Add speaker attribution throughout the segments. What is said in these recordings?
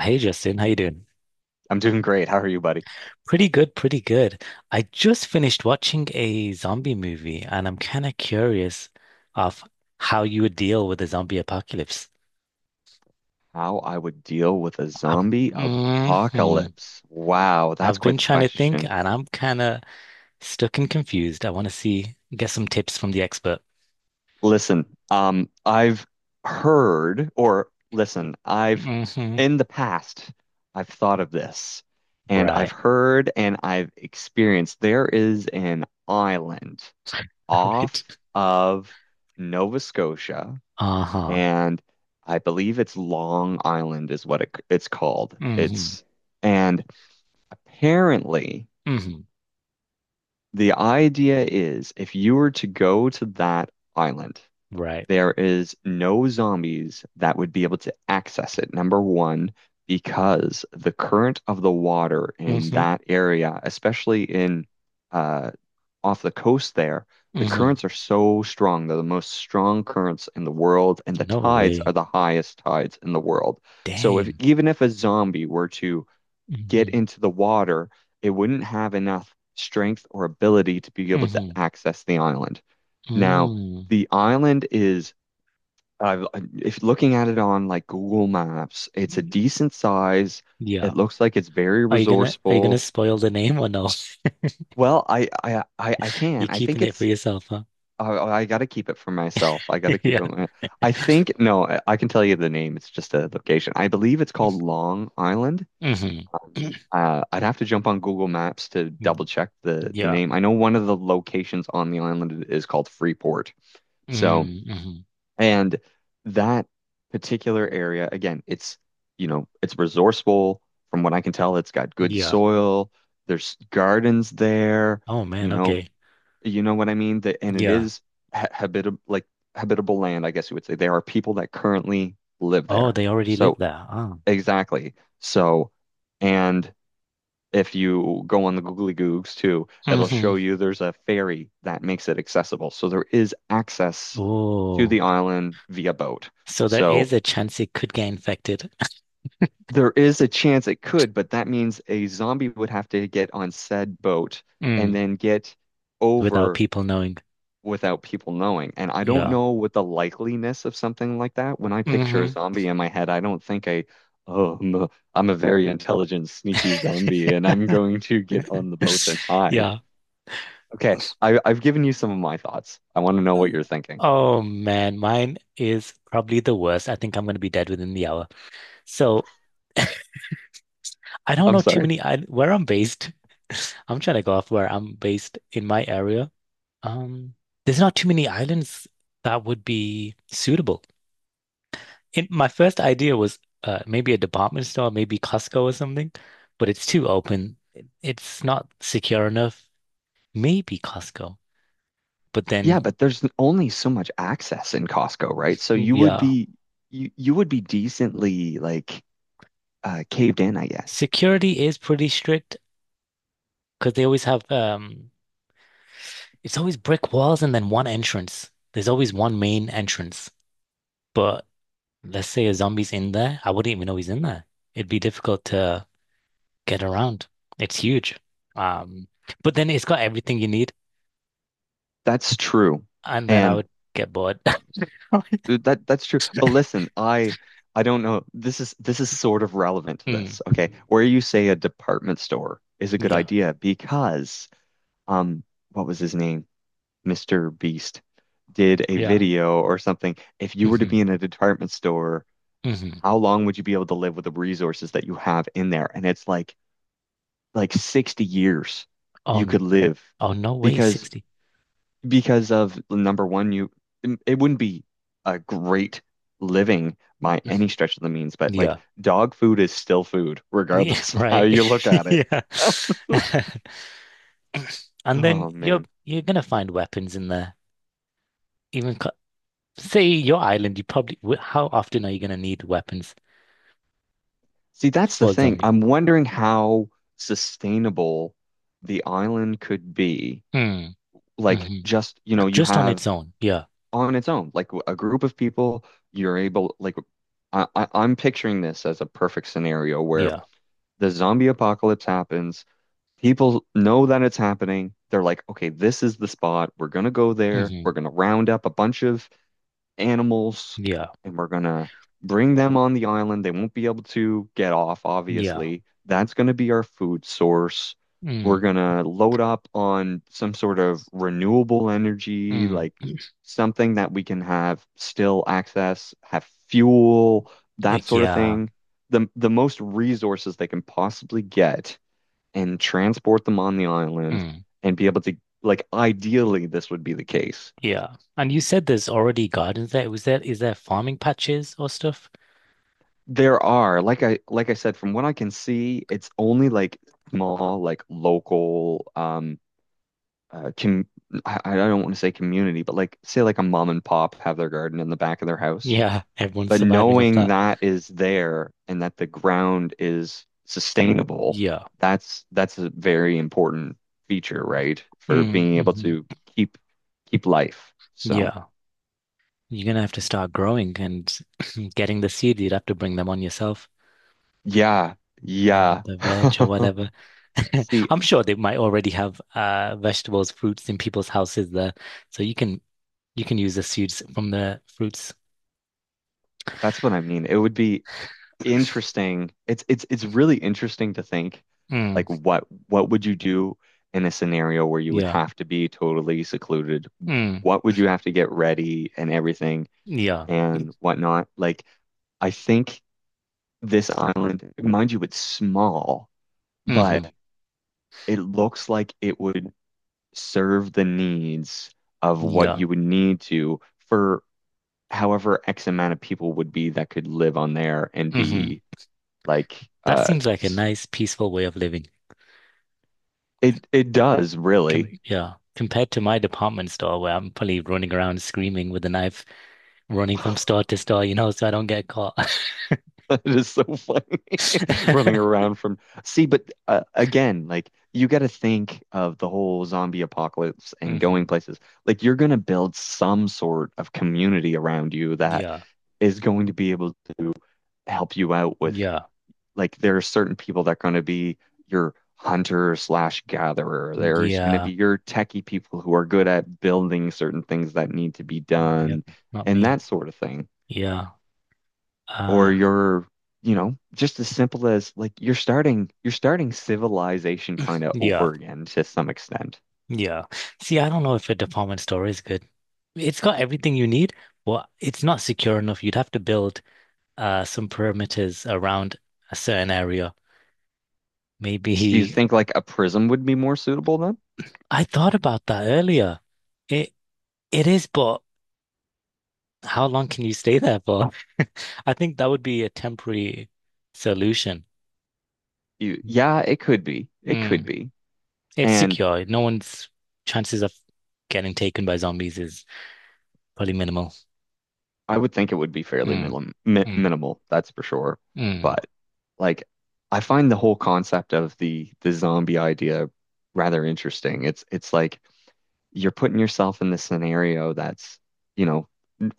Speaker 1: Hey Justin, how you doing?
Speaker 2: I'm doing great. How are you, buddy?
Speaker 1: Pretty good, pretty good. I just finished watching a zombie movie and I'm kind of curious of how you would deal with a zombie apocalypse.
Speaker 2: How I would deal with a zombie
Speaker 1: Mhm.
Speaker 2: apocalypse. Wow, that's
Speaker 1: I've
Speaker 2: quite
Speaker 1: been
Speaker 2: the
Speaker 1: trying to think
Speaker 2: question.
Speaker 1: and I'm kind of stuck and confused. I want to get some tips from the expert.
Speaker 2: Listen, I've heard, or listen, I've
Speaker 1: Hmm.
Speaker 2: in the past, I've thought of this, and I've
Speaker 1: Right,
Speaker 2: heard and I've experienced there is an island off
Speaker 1: right.
Speaker 2: of Nova Scotia,
Speaker 1: Uh-huh.
Speaker 2: and I believe it's Long Island is what it's called.
Speaker 1: Hmm.
Speaker 2: It's and apparently,
Speaker 1: Hmm.
Speaker 2: the idea is if you were to go to that island,
Speaker 1: Right.
Speaker 2: there is no zombies that would be able to access it, number one, because the current of the water in
Speaker 1: Hmm.
Speaker 2: that area, especially in uh, off the coast there, the
Speaker 1: Hmm.
Speaker 2: currents are so strong. They're the most strong currents in the world, and the
Speaker 1: No
Speaker 2: tides are
Speaker 1: way.
Speaker 2: the highest tides in the world. So if
Speaker 1: Dang.
Speaker 2: even if a zombie were to get
Speaker 1: Hmm.
Speaker 2: into the water, it wouldn't have enough strength or ability to be able to
Speaker 1: Hmm.
Speaker 2: access the island. Now,
Speaker 1: Mm.
Speaker 2: the island is, uh, if looking at it on like Google Maps, it's a decent size. It
Speaker 1: Yeah.
Speaker 2: looks like it's very
Speaker 1: Are you gonna
Speaker 2: resourceful.
Speaker 1: spoil the name or no?
Speaker 2: Well, I
Speaker 1: You're
Speaker 2: can. I
Speaker 1: keeping
Speaker 2: think
Speaker 1: it for
Speaker 2: it's.
Speaker 1: yourself, huh?
Speaker 2: I got to keep it for myself. I got to keep
Speaker 1: Yeah.
Speaker 2: it. I think no. I can tell you the name. It's just a location. I believe it's called Long Island.
Speaker 1: Hmm.
Speaker 2: I'd have to jump on Google Maps to double check the
Speaker 1: Yeah.
Speaker 2: name. I know one of the locations on the island is called Freeport. So,
Speaker 1: Mm-hmm.
Speaker 2: and that particular area, again, it's you know, it's resourceful. From what I can tell, it's got good
Speaker 1: Yeah.
Speaker 2: soil. There's gardens there.
Speaker 1: Oh man,
Speaker 2: You know,
Speaker 1: okay.
Speaker 2: you know what I mean? The, and it
Speaker 1: Yeah.
Speaker 2: is ha habitable, like habitable land, I guess you would say. There are people that currently live
Speaker 1: Oh,
Speaker 2: there.
Speaker 1: they already live
Speaker 2: So,
Speaker 1: there. Oh.
Speaker 2: exactly. So, and if you go on the Googly Googs too, it'll
Speaker 1: Hmm.
Speaker 2: show you there's a ferry that makes it accessible. So there is access to
Speaker 1: Oh.
Speaker 2: the island via boat.
Speaker 1: So there
Speaker 2: So
Speaker 1: is a chance it could get infected.
Speaker 2: there is a chance it could, but that means a zombie would have to get on said boat and
Speaker 1: Mm.
Speaker 2: then get
Speaker 1: Without
Speaker 2: over
Speaker 1: people knowing.
Speaker 2: without people knowing. And I don't
Speaker 1: Yeah.
Speaker 2: know what the likeliness of something like that. When I picture a
Speaker 1: Hmm.
Speaker 2: zombie in my head, I don't think I, oh, I'm a very intelligent, sneaky zombie, and I'm going to get on the boat and hide.
Speaker 1: Yeah.
Speaker 2: Okay, I've given you some of my thoughts. I want to know what you're thinking.
Speaker 1: Oh man, mine is probably the worst. I think I'm gonna be dead within the hour. So I don't
Speaker 2: I'm
Speaker 1: know too
Speaker 2: sorry.
Speaker 1: many I where I'm based. I'm trying to go off where I'm based in my area. Um, there's not too many islands that would be suitable. In my first idea was maybe a department store, maybe Costco or something, but it's too open. It's not secure enough. Maybe Costco, but
Speaker 2: Yeah,
Speaker 1: then
Speaker 2: but there's only so much access in Costco, right? So
Speaker 1: mm,
Speaker 2: you would
Speaker 1: yeah,
Speaker 2: be you would be decently like caved in, I guess.
Speaker 1: security is pretty strict because they always have it's always brick walls and then one entrance. There's always one main entrance, but let's say a zombie's in there. I wouldn't even know he's in there. It'd be difficult to get around. It's huge. Um, but then it's got everything you need,
Speaker 2: That's true,
Speaker 1: and then I
Speaker 2: and
Speaker 1: would get bored.
Speaker 2: that that's true. But listen, I don't know. This is sort of relevant to
Speaker 1: Mm,
Speaker 2: this. Okay, where you say a department store is a good
Speaker 1: yeah, like,
Speaker 2: idea because um, what was his name? Mr. Beast did a
Speaker 1: yeah.
Speaker 2: video or something, if you were to
Speaker 1: Hmm.
Speaker 2: be in a department store,
Speaker 1: Hmm.
Speaker 2: how long would you be able to live with the resources that you have in there? And it's like 60 years
Speaker 1: Oh,
Speaker 2: you
Speaker 1: n-
Speaker 2: could live
Speaker 1: oh, no way,
Speaker 2: because
Speaker 1: 60.
Speaker 2: because of number one, you it wouldn't be a great living by any stretch of the means, but like
Speaker 1: Yeah,
Speaker 2: dog food is still food,
Speaker 1: yeah,
Speaker 2: regardless of how
Speaker 1: right.
Speaker 2: you look at it.
Speaker 1: Yeah. And then
Speaker 2: Oh
Speaker 1: you're
Speaker 2: man.
Speaker 1: you're gonna find weapons in there. Even say your island, you probably how often are you gonna need weapons
Speaker 2: See, that's the
Speaker 1: for a
Speaker 2: thing.
Speaker 1: zombie?
Speaker 2: I'm wondering how sustainable the island could be.
Speaker 1: Mm, like,
Speaker 2: Like,
Speaker 1: hmm.
Speaker 2: just, you know, you
Speaker 1: Just on its
Speaker 2: have
Speaker 1: own, yeah.
Speaker 2: on its own, like a group of people, you're able, like, I'm picturing this as a perfect scenario where
Speaker 1: Yeah.
Speaker 2: the zombie apocalypse happens. People know that it's happening. They're like, okay, this is the spot. We're gonna go there.
Speaker 1: Hmm.
Speaker 2: We're gonna round up a bunch of animals
Speaker 1: Yeah.
Speaker 2: and we're gonna bring them on the island. They won't be able to get off,
Speaker 1: Yeah.
Speaker 2: obviously. That's gonna be our food source.
Speaker 1: Mm,
Speaker 2: We're gonna load up on some sort of renewable energy,
Speaker 1: mm.
Speaker 2: like something that we can have still access, have fuel, that
Speaker 1: Like,
Speaker 2: sort of
Speaker 1: yeah.
Speaker 2: thing. The most resources they can possibly get and transport them on the island
Speaker 1: Mm.
Speaker 2: and be able to like ideally this would be the case.
Speaker 1: Yeah. And you said there's already gardens there. Is there farming patches or stuff?
Speaker 2: There are, like I said, from what I can see, it's only like small, like local, uh, com I don't want to say community, but like say like a mom and pop have their garden in the back of their house.
Speaker 1: Yeah. Everyone's
Speaker 2: But
Speaker 1: surviving off
Speaker 2: knowing
Speaker 1: that.
Speaker 2: that is there and that the ground is sustainable,
Speaker 1: Yeah.
Speaker 2: that's a very important feature, right? For
Speaker 1: Mm,
Speaker 2: being able
Speaker 1: mhm.
Speaker 2: to keep keep life. So
Speaker 1: Yeah. You're gonna have to start growing and getting the seed. You'd have to bring them on yourself
Speaker 2: yeah,
Speaker 1: or
Speaker 2: yeah.
Speaker 1: the veg or whatever.
Speaker 2: See,
Speaker 1: I'm sure they might already have vegetables, fruits in people's houses there. So you can use the seeds from the fruits.
Speaker 2: that's what I mean. It would be interesting. It's really interesting to think
Speaker 1: Mm.
Speaker 2: like what would you do in a scenario where you would
Speaker 1: Yeah.
Speaker 2: have to be totally secluded?
Speaker 1: Mm,
Speaker 2: What would you have to get ready and everything
Speaker 1: yeah.
Speaker 2: and whatnot? Like I think this island, mind you, it's small,
Speaker 1: Hmm.
Speaker 2: but it looks like it would serve the needs of what
Speaker 1: Yeah.
Speaker 2: you would need to for however X amount of people would be that could live on there and
Speaker 1: Hmm.
Speaker 2: be like
Speaker 1: That seems like a nice, peaceful way of living.
Speaker 2: It it does
Speaker 1: Com
Speaker 2: really.
Speaker 1: Yeah. Compared to my department store where I'm probably running around screaming with a knife, running from store to store, so I don't get caught.
Speaker 2: It is so funny running around from. See, but again, like you got to think of the whole zombie apocalypse and
Speaker 1: Hmm.
Speaker 2: going places. Like you're going to build some sort of community around you that
Speaker 1: Yeah.
Speaker 2: is going to be able to help you out with.
Speaker 1: Yeah.
Speaker 2: Like there are certain people that are going to be your hunter slash gatherer. There's going to
Speaker 1: Yeah.
Speaker 2: be your techie people who are good at building certain things that need to be
Speaker 1: Yep.
Speaker 2: done
Speaker 1: Not
Speaker 2: and
Speaker 1: me.
Speaker 2: that sort of thing.
Speaker 1: Yeah.
Speaker 2: Or
Speaker 1: Uh,
Speaker 2: you're, you know, just as simple as like you're starting civilization kind of
Speaker 1: yeah.
Speaker 2: over again to some extent.
Speaker 1: Yeah. See, I don't know if a department store is good. It's got everything you need. But it's not secure enough. You'd have to build some perimeters around a certain area.
Speaker 2: Do you
Speaker 1: Maybe
Speaker 2: think like a prism would be more suitable then?
Speaker 1: I thought about that earlier. It it is, but how long can you stay there for? I think that would be a temporary solution.
Speaker 2: You, yeah, it could be. It could
Speaker 1: Mm.
Speaker 2: be.
Speaker 1: It's
Speaker 2: And
Speaker 1: secure. No one's chances of getting taken by zombies is probably minimal.
Speaker 2: I would think it would be fairly
Speaker 1: Mm, mm,
Speaker 2: minimal, that's for sure.
Speaker 1: mm.
Speaker 2: But like I find the whole concept of the zombie idea rather interesting. It's like you're putting yourself in this scenario that's, you know,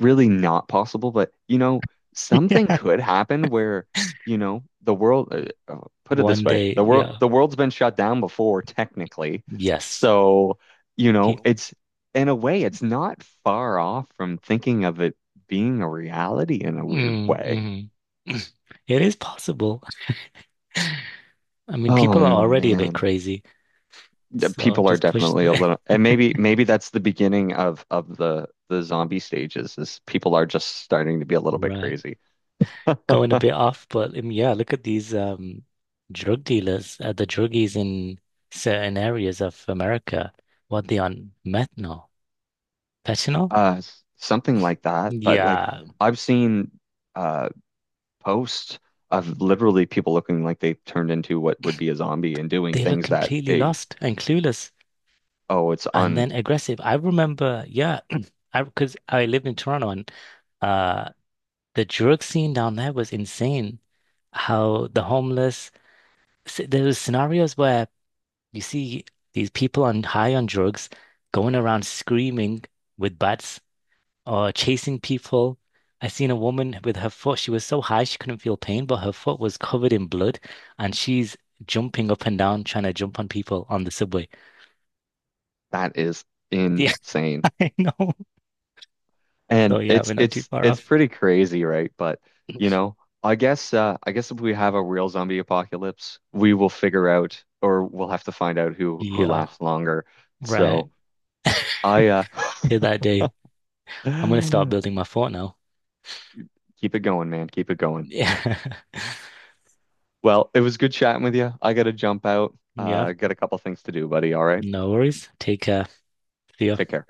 Speaker 2: really not possible, but you know, something
Speaker 1: Yeah.
Speaker 2: could happen where, you know, the world uh, put it this
Speaker 1: One
Speaker 2: way,
Speaker 1: day, yeah.
Speaker 2: the world's been shut down before technically.
Speaker 1: Yes.
Speaker 2: So, you
Speaker 1: Pe
Speaker 2: know, it's in a way it's not far off from thinking of it being a reality in a weird
Speaker 1: Mm,
Speaker 2: way.
Speaker 1: mm. It is possible. I mean,
Speaker 2: Oh
Speaker 1: people are already a bit
Speaker 2: man.
Speaker 1: crazy.
Speaker 2: The
Speaker 1: So
Speaker 2: people are
Speaker 1: just push.
Speaker 2: definitely a little, and maybe maybe that's the beginning of the zombie stages is people are just starting to be a little bit
Speaker 1: Right.
Speaker 2: crazy.
Speaker 1: Going a bit off, but yeah, look at these drug dealers, the druggies in certain areas of America. What they on methanol, fentanyl?
Speaker 2: Something like that. But like
Speaker 1: Yeah,
Speaker 2: I've seen uh posts of literally people looking like they turned into what would be a zombie and doing
Speaker 1: they look
Speaker 2: things that
Speaker 1: completely
Speaker 2: a
Speaker 1: lost and clueless
Speaker 2: oh it's
Speaker 1: and
Speaker 2: un
Speaker 1: then aggressive. I remember, yeah, I because I lived in Toronto and uh the drug scene down there was insane. How the homeless there was scenarios where you see these people on high on drugs going around screaming with bats or chasing people. I seen a woman with her foot. She was so high she couldn't feel pain, but her foot was covered in blood, and she's jumping up and down trying to jump on people on the subway.
Speaker 2: that is
Speaker 1: Yeah,
Speaker 2: insane.
Speaker 1: I know. So
Speaker 2: And
Speaker 1: yeah, we're not too far
Speaker 2: it's
Speaker 1: off.
Speaker 2: pretty crazy, right? But you know, I guess if we have a real zombie apocalypse, we will figure out or we'll have to find out who
Speaker 1: Yeah,
Speaker 2: lasts longer.
Speaker 1: right.
Speaker 2: So I
Speaker 1: Till that day, I'm gonna start building my fort now.
Speaker 2: keep it going, man. Keep it going.
Speaker 1: Yeah,
Speaker 2: Well, it was good chatting with you. I gotta jump out.
Speaker 1: yeah.
Speaker 2: Got a couple things to do, buddy. All right.
Speaker 1: No worries. Take care. See ya.
Speaker 2: Take care.